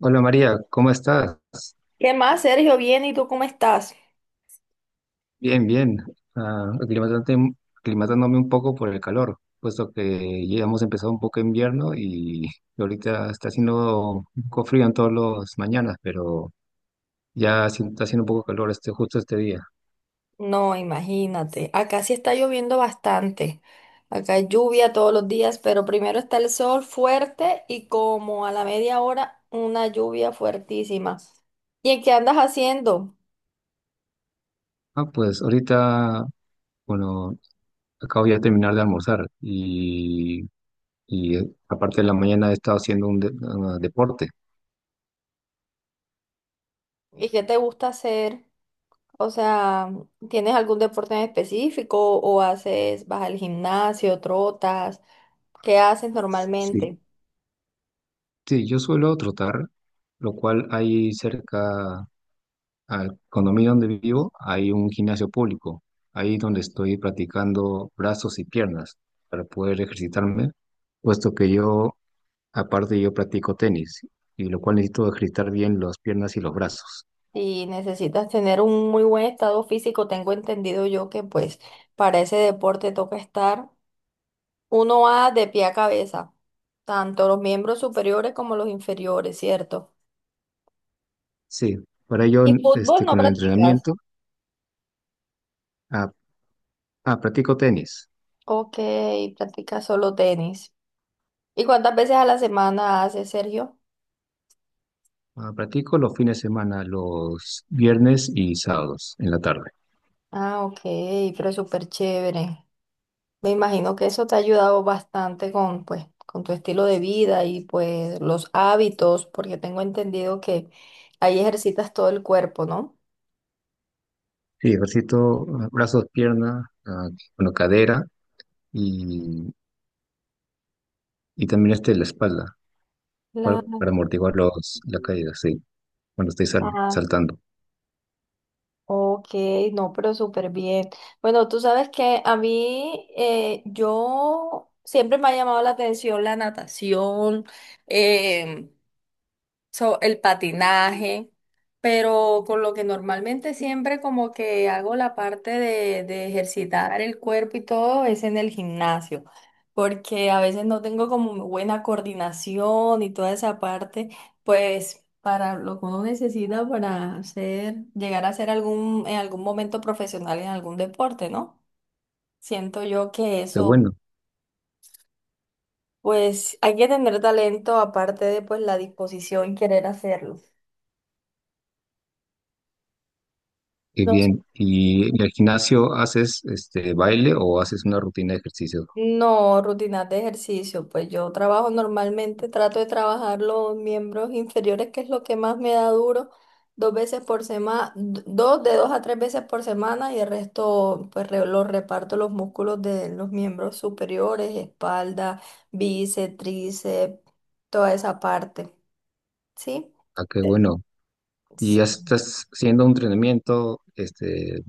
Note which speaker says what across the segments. Speaker 1: Hola María, ¿cómo estás?
Speaker 2: ¿Qué más, Sergio? Bien, ¿y tú cómo estás?
Speaker 1: Bien, bien. Ah, aclimatante- Aclimatándome un poco por el calor, puesto que ya hemos empezado un poco invierno y ahorita está haciendo un poco frío en todas las mañanas, pero ya sí está haciendo un poco calor justo este día.
Speaker 2: No, imagínate, acá sí está lloviendo bastante. Acá hay lluvia todos los días, pero primero está el sol fuerte y como a la media hora una lluvia fuertísima. ¿Y en qué andas haciendo?
Speaker 1: Pues ahorita, bueno, acabo ya de terminar de almorzar y aparte de la mañana he estado haciendo un deporte.
Speaker 2: ¿Y qué te gusta hacer? O sea, ¿tienes algún deporte en específico o haces, vas al gimnasio, trotas? ¿Qué haces
Speaker 1: Sí,
Speaker 2: normalmente?
Speaker 1: sí, yo suelo trotar, lo cual hay cerca. Al condominio donde vivo hay un gimnasio público, ahí donde estoy practicando brazos y piernas para poder ejercitarme, puesto que yo, aparte yo practico tenis, y lo cual necesito ejercitar bien las piernas y los brazos.
Speaker 2: Y necesitas tener un muy buen estado físico. Tengo entendido yo que pues para ese deporte toca estar uno va de pie a cabeza, tanto los miembros superiores como los inferiores, ¿cierto?
Speaker 1: Sí, para ello,
Speaker 2: ¿Y fútbol no
Speaker 1: con el
Speaker 2: practicas?
Speaker 1: entrenamiento, ah, practico tenis.
Speaker 2: Ok, practicas solo tenis. ¿Y cuántas veces a la semana haces, Sergio?
Speaker 1: Ah, practico los fines de semana, los viernes y sábados en la tarde.
Speaker 2: Ah, ok, pero súper chévere. Me imagino que eso te ha ayudado bastante con, pues, con tu estilo de vida y pues los hábitos, porque tengo entendido que ahí ejercitas todo el cuerpo, ¿no?
Speaker 1: Sí, ejercito brazos, pierna, bueno, cadera y, y también la espalda. Para,
Speaker 2: La...
Speaker 1: para amortiguar los, la caída, sí, cuando estoy
Speaker 2: Ah,
Speaker 1: saltando.
Speaker 2: ok, no, pero súper bien. Bueno, tú sabes que a mí, yo siempre me ha llamado la atención la natación, so, el patinaje, pero con lo que normalmente siempre como que hago la parte de ejercitar el cuerpo y todo es en el gimnasio, porque a veces no tengo como muy buena coordinación y toda esa parte, pues para lo que uno necesita para hacer, llegar a ser algún, en algún momento profesional en algún deporte, ¿no? Siento yo que
Speaker 1: Qué
Speaker 2: eso,
Speaker 1: bueno,
Speaker 2: pues hay que tener talento aparte de pues la disposición y querer hacerlo.
Speaker 1: qué
Speaker 2: No.
Speaker 1: bien. ¿Y en el gimnasio haces este baile o haces una rutina de ejercicio?
Speaker 2: No, rutinas de ejercicio, pues yo trabajo normalmente, trato de trabajar los miembros inferiores, que es lo que más me da duro, dos veces por semana, dos de dos a tres veces por semana y el resto pues lo reparto los músculos de los miembros superiores, espalda, bíceps, tríceps, toda esa parte, ¿sí?
Speaker 1: Ah, qué bueno. ¿Y ya
Speaker 2: Sí.
Speaker 1: estás haciendo un entrenamiento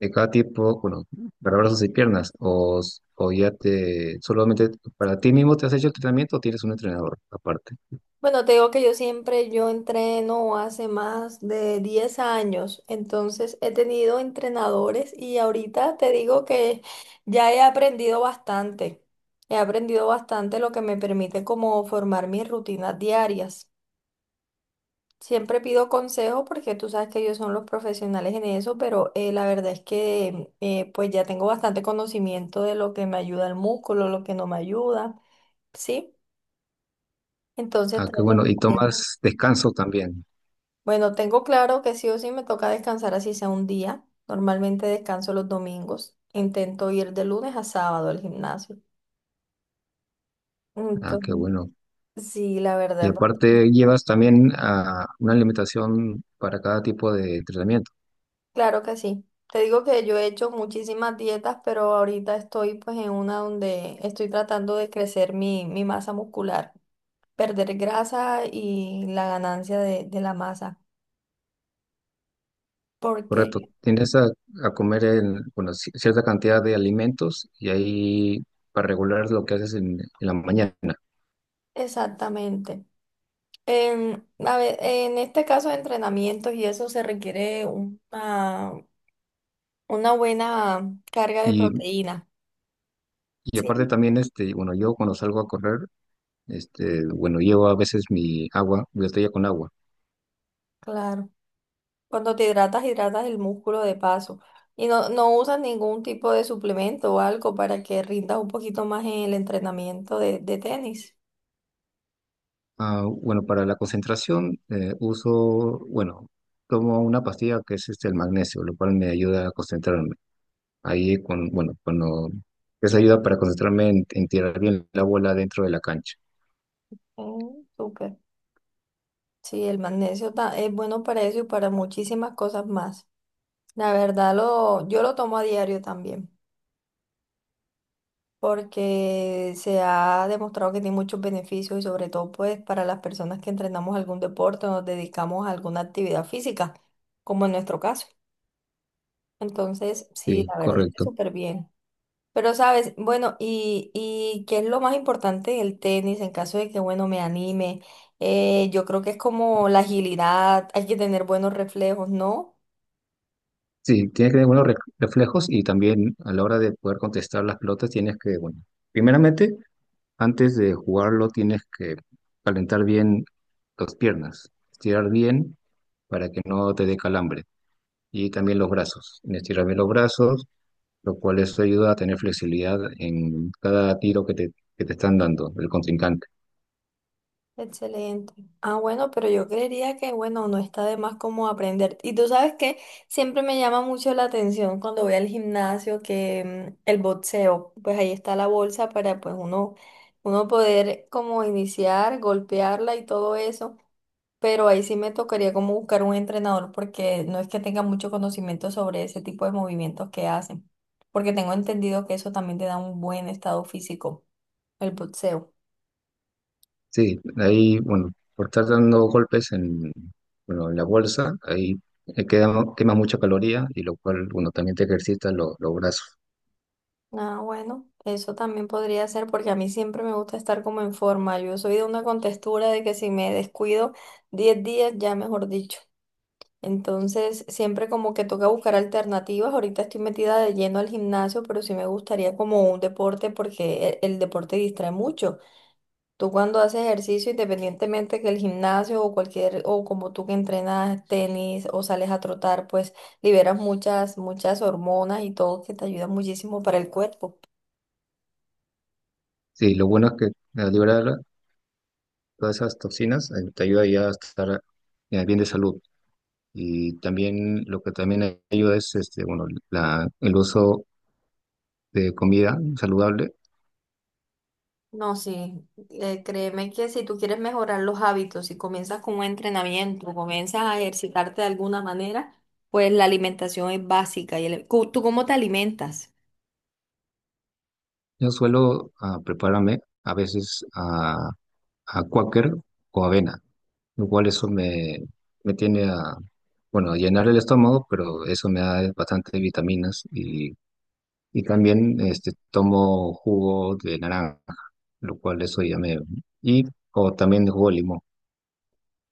Speaker 1: de cada tipo, bueno, para brazos y piernas? ¿O, o ya te, solamente para ti mismo te has hecho el entrenamiento o tienes un entrenador aparte?
Speaker 2: Bueno, te digo que yo siempre, yo entreno hace más de 10 años, entonces he tenido entrenadores y ahorita te digo que ya he aprendido bastante lo que me permite como formar mis rutinas diarias. Siempre pido consejo porque tú sabes que ellos son los profesionales en eso, pero la verdad es que pues ya tengo bastante conocimiento de lo que me ayuda el músculo, lo que no me ayuda, ¿sí? Entonces
Speaker 1: Ah, qué
Speaker 2: trato...
Speaker 1: bueno. ¿Y
Speaker 2: siempre.
Speaker 1: tomas descanso también?
Speaker 2: Bueno, tengo claro que sí o sí me toca descansar así sea un día. Normalmente descanso los domingos. Intento ir de lunes a sábado al gimnasio.
Speaker 1: Ah, qué
Speaker 2: Entonces,
Speaker 1: bueno.
Speaker 2: sí, la
Speaker 1: Y
Speaker 2: verdad,
Speaker 1: aparte llevas también a una alimentación para cada tipo de entrenamiento,
Speaker 2: claro que sí. Te digo que yo he hecho muchísimas dietas, pero ahorita estoy pues en una donde estoy tratando de crecer mi masa muscular, perder grasa y la ganancia de la masa. Porque,
Speaker 1: ¿correcto? Tienes a comer en, bueno, cierta cantidad de alimentos y ahí para regular lo que haces en la mañana.
Speaker 2: exactamente. En, a ver, en este caso de entrenamientos y eso se requiere una buena carga de
Speaker 1: Y,
Speaker 2: proteína.
Speaker 1: y aparte
Speaker 2: Sí,
Speaker 1: también, bueno, yo cuando salgo a correr, bueno, llevo a veces mi agua, mi botella con agua.
Speaker 2: claro. Cuando te hidratas, hidratas el músculo de paso. Y no, no usas ningún tipo de suplemento o algo para que rindas un poquito más en el entrenamiento de tenis.
Speaker 1: Ah, bueno, para la concentración uso, bueno, tomo una pastilla que es el magnesio, lo cual me ayuda a concentrarme. Ahí, con, bueno, cuando esa ayuda para concentrarme en tirar bien la bola dentro de la cancha.
Speaker 2: Mm, súper. Sí, el magnesio es bueno para eso y para muchísimas cosas más. La verdad, yo lo tomo a diario también. Porque se ha demostrado que tiene muchos beneficios y sobre todo pues para las personas que entrenamos algún deporte o nos dedicamos a alguna actividad física, como en nuestro caso. Entonces, sí,
Speaker 1: Sí,
Speaker 2: la verdad es que
Speaker 1: correcto.
Speaker 2: súper bien. Pero sabes, bueno, y qué es lo más importante del tenis en caso de que, bueno, me anime. Yo creo que es como la agilidad, hay que tener buenos reflejos, ¿no?
Speaker 1: Sí, tienes que tener buenos reflejos y también a la hora de poder contestar las pelotas tienes que, bueno, primeramente, antes de jugarlo tienes que calentar bien las piernas, estirar bien para que no te dé calambre y también los brazos. Estirar bien los brazos, lo cual eso ayuda a tener flexibilidad en cada tiro que te están dando el contrincante.
Speaker 2: Excelente. Ah, bueno, pero yo creería que, bueno, no está de más como aprender. Y tú sabes que siempre me llama mucho la atención cuando voy al gimnasio que el boxeo, pues ahí está la bolsa para pues uno, uno poder como iniciar, golpearla y todo eso. Pero ahí sí me tocaría como buscar un entrenador porque no es que tenga mucho conocimiento sobre ese tipo de movimientos que hacen. Porque tengo entendido que eso también te da un buen estado físico, el boxeo.
Speaker 1: Sí, ahí, bueno, por estar dando golpes en, bueno, en la bolsa, ahí quema mucha caloría y lo cual, bueno, también te ejercita los brazos.
Speaker 2: Ah, bueno, eso también podría ser porque a mí siempre me gusta estar como en forma. Yo soy de una contextura de que si me descuido 10 días, ya mejor dicho. Entonces, siempre como que toca buscar alternativas. Ahorita estoy metida de lleno al gimnasio, pero sí me gustaría como un deporte porque el deporte distrae mucho. Tú cuando haces ejercicio, independientemente que el gimnasio o cualquier, o como tú que entrenas tenis o sales a trotar, pues liberas muchas, muchas hormonas y todo que te ayuda muchísimo para el cuerpo.
Speaker 1: Sí, lo bueno es que al liberar todas esas toxinas te ayuda ya a estar bien de salud. Y también lo que también ayuda es, bueno, la, el uso de comida saludable.
Speaker 2: No, sí, créeme que si tú quieres mejorar los hábitos, si comienzas con un entrenamiento, comienzas a ejercitarte de alguna manera, pues la alimentación es básica. Y ¿tú cómo te alimentas?
Speaker 1: Yo suelo prepararme a veces a cuáquer o avena. Lo cual eso me, me tiene a, bueno, a llenar el estómago, pero eso me da bastante vitaminas y también tomo jugo de naranja, lo cual eso ya me... Y o también jugo de limón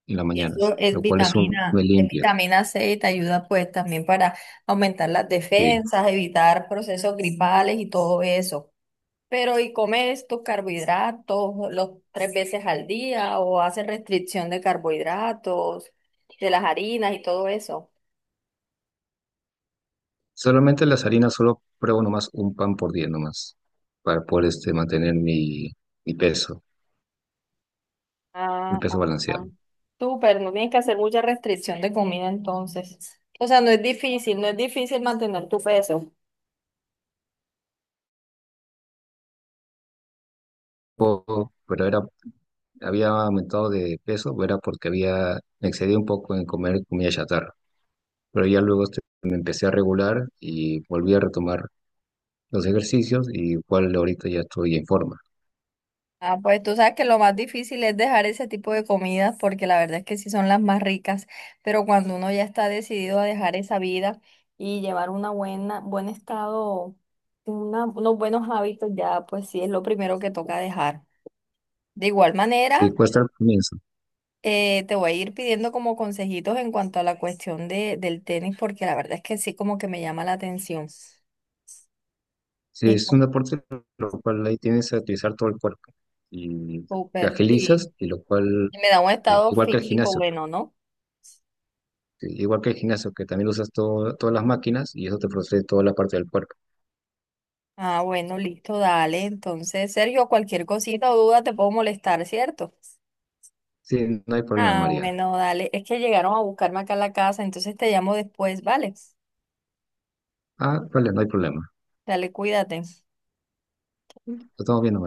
Speaker 1: en las
Speaker 2: Y
Speaker 1: mañanas,
Speaker 2: eso es
Speaker 1: lo cual eso me
Speaker 2: vitamina, es
Speaker 1: limpia.
Speaker 2: vitamina C y te ayuda pues también para aumentar las
Speaker 1: Sí.
Speaker 2: defensas, evitar procesos gripales y todo eso. Pero ¿y comes tus carbohidratos los tres veces al día o haces restricción de carbohidratos, de las harinas y todo eso?
Speaker 1: Solamente las harinas, solo pruebo nomás un pan por día nomás, para poder mantener mi, mi peso, mi
Speaker 2: Ah, ah,
Speaker 1: peso
Speaker 2: ah.
Speaker 1: balanceado.
Speaker 2: Súper, no tienes que hacer mucha restricción de comida entonces. O sea, no es difícil, no es difícil mantener tu peso.
Speaker 1: Poco, pero era había aumentado de peso, era porque había, me excedí un poco en comer comida chatarra, pero ya luego me empecé a regular y volví a retomar los ejercicios y igual ahorita ya estoy en forma.
Speaker 2: Ah, pues tú sabes que lo más difícil es dejar ese tipo de comidas porque la verdad es que sí son las más ricas, pero cuando uno ya está decidido a dejar esa vida y llevar una buena, buen estado, unos buenos hábitos, ya pues sí es lo primero que toca dejar. De igual
Speaker 1: Sí,
Speaker 2: manera.
Speaker 1: cuesta al comienzo.
Speaker 2: Te voy a ir pidiendo como consejitos en cuanto a la cuestión del tenis, porque la verdad es que sí como que me llama la atención.
Speaker 1: Sí,
Speaker 2: Y
Speaker 1: es
Speaker 2: pues,
Speaker 1: un deporte lo cual ahí tienes que utilizar todo el cuerpo y te
Speaker 2: súper,
Speaker 1: agilizas
Speaker 2: sí.
Speaker 1: y lo cual,
Speaker 2: Y me da un estado
Speaker 1: igual que el
Speaker 2: físico
Speaker 1: gimnasio,
Speaker 2: bueno, ¿no?
Speaker 1: sí, igual que el gimnasio que también usas todo, todas las máquinas y eso te procede toda la parte del cuerpo.
Speaker 2: Ah, bueno, listo, dale. Entonces, Sergio, cualquier cosita o duda te puedo molestar, ¿cierto?
Speaker 1: Sí, no hay problema,
Speaker 2: Ah,
Speaker 1: María.
Speaker 2: bueno, dale. Es que llegaron a buscarme acá a la casa, entonces te llamo después, ¿vale?
Speaker 1: Ah, vale, no hay problema.
Speaker 2: Dale, cuídate.
Speaker 1: Lo estamos viendo.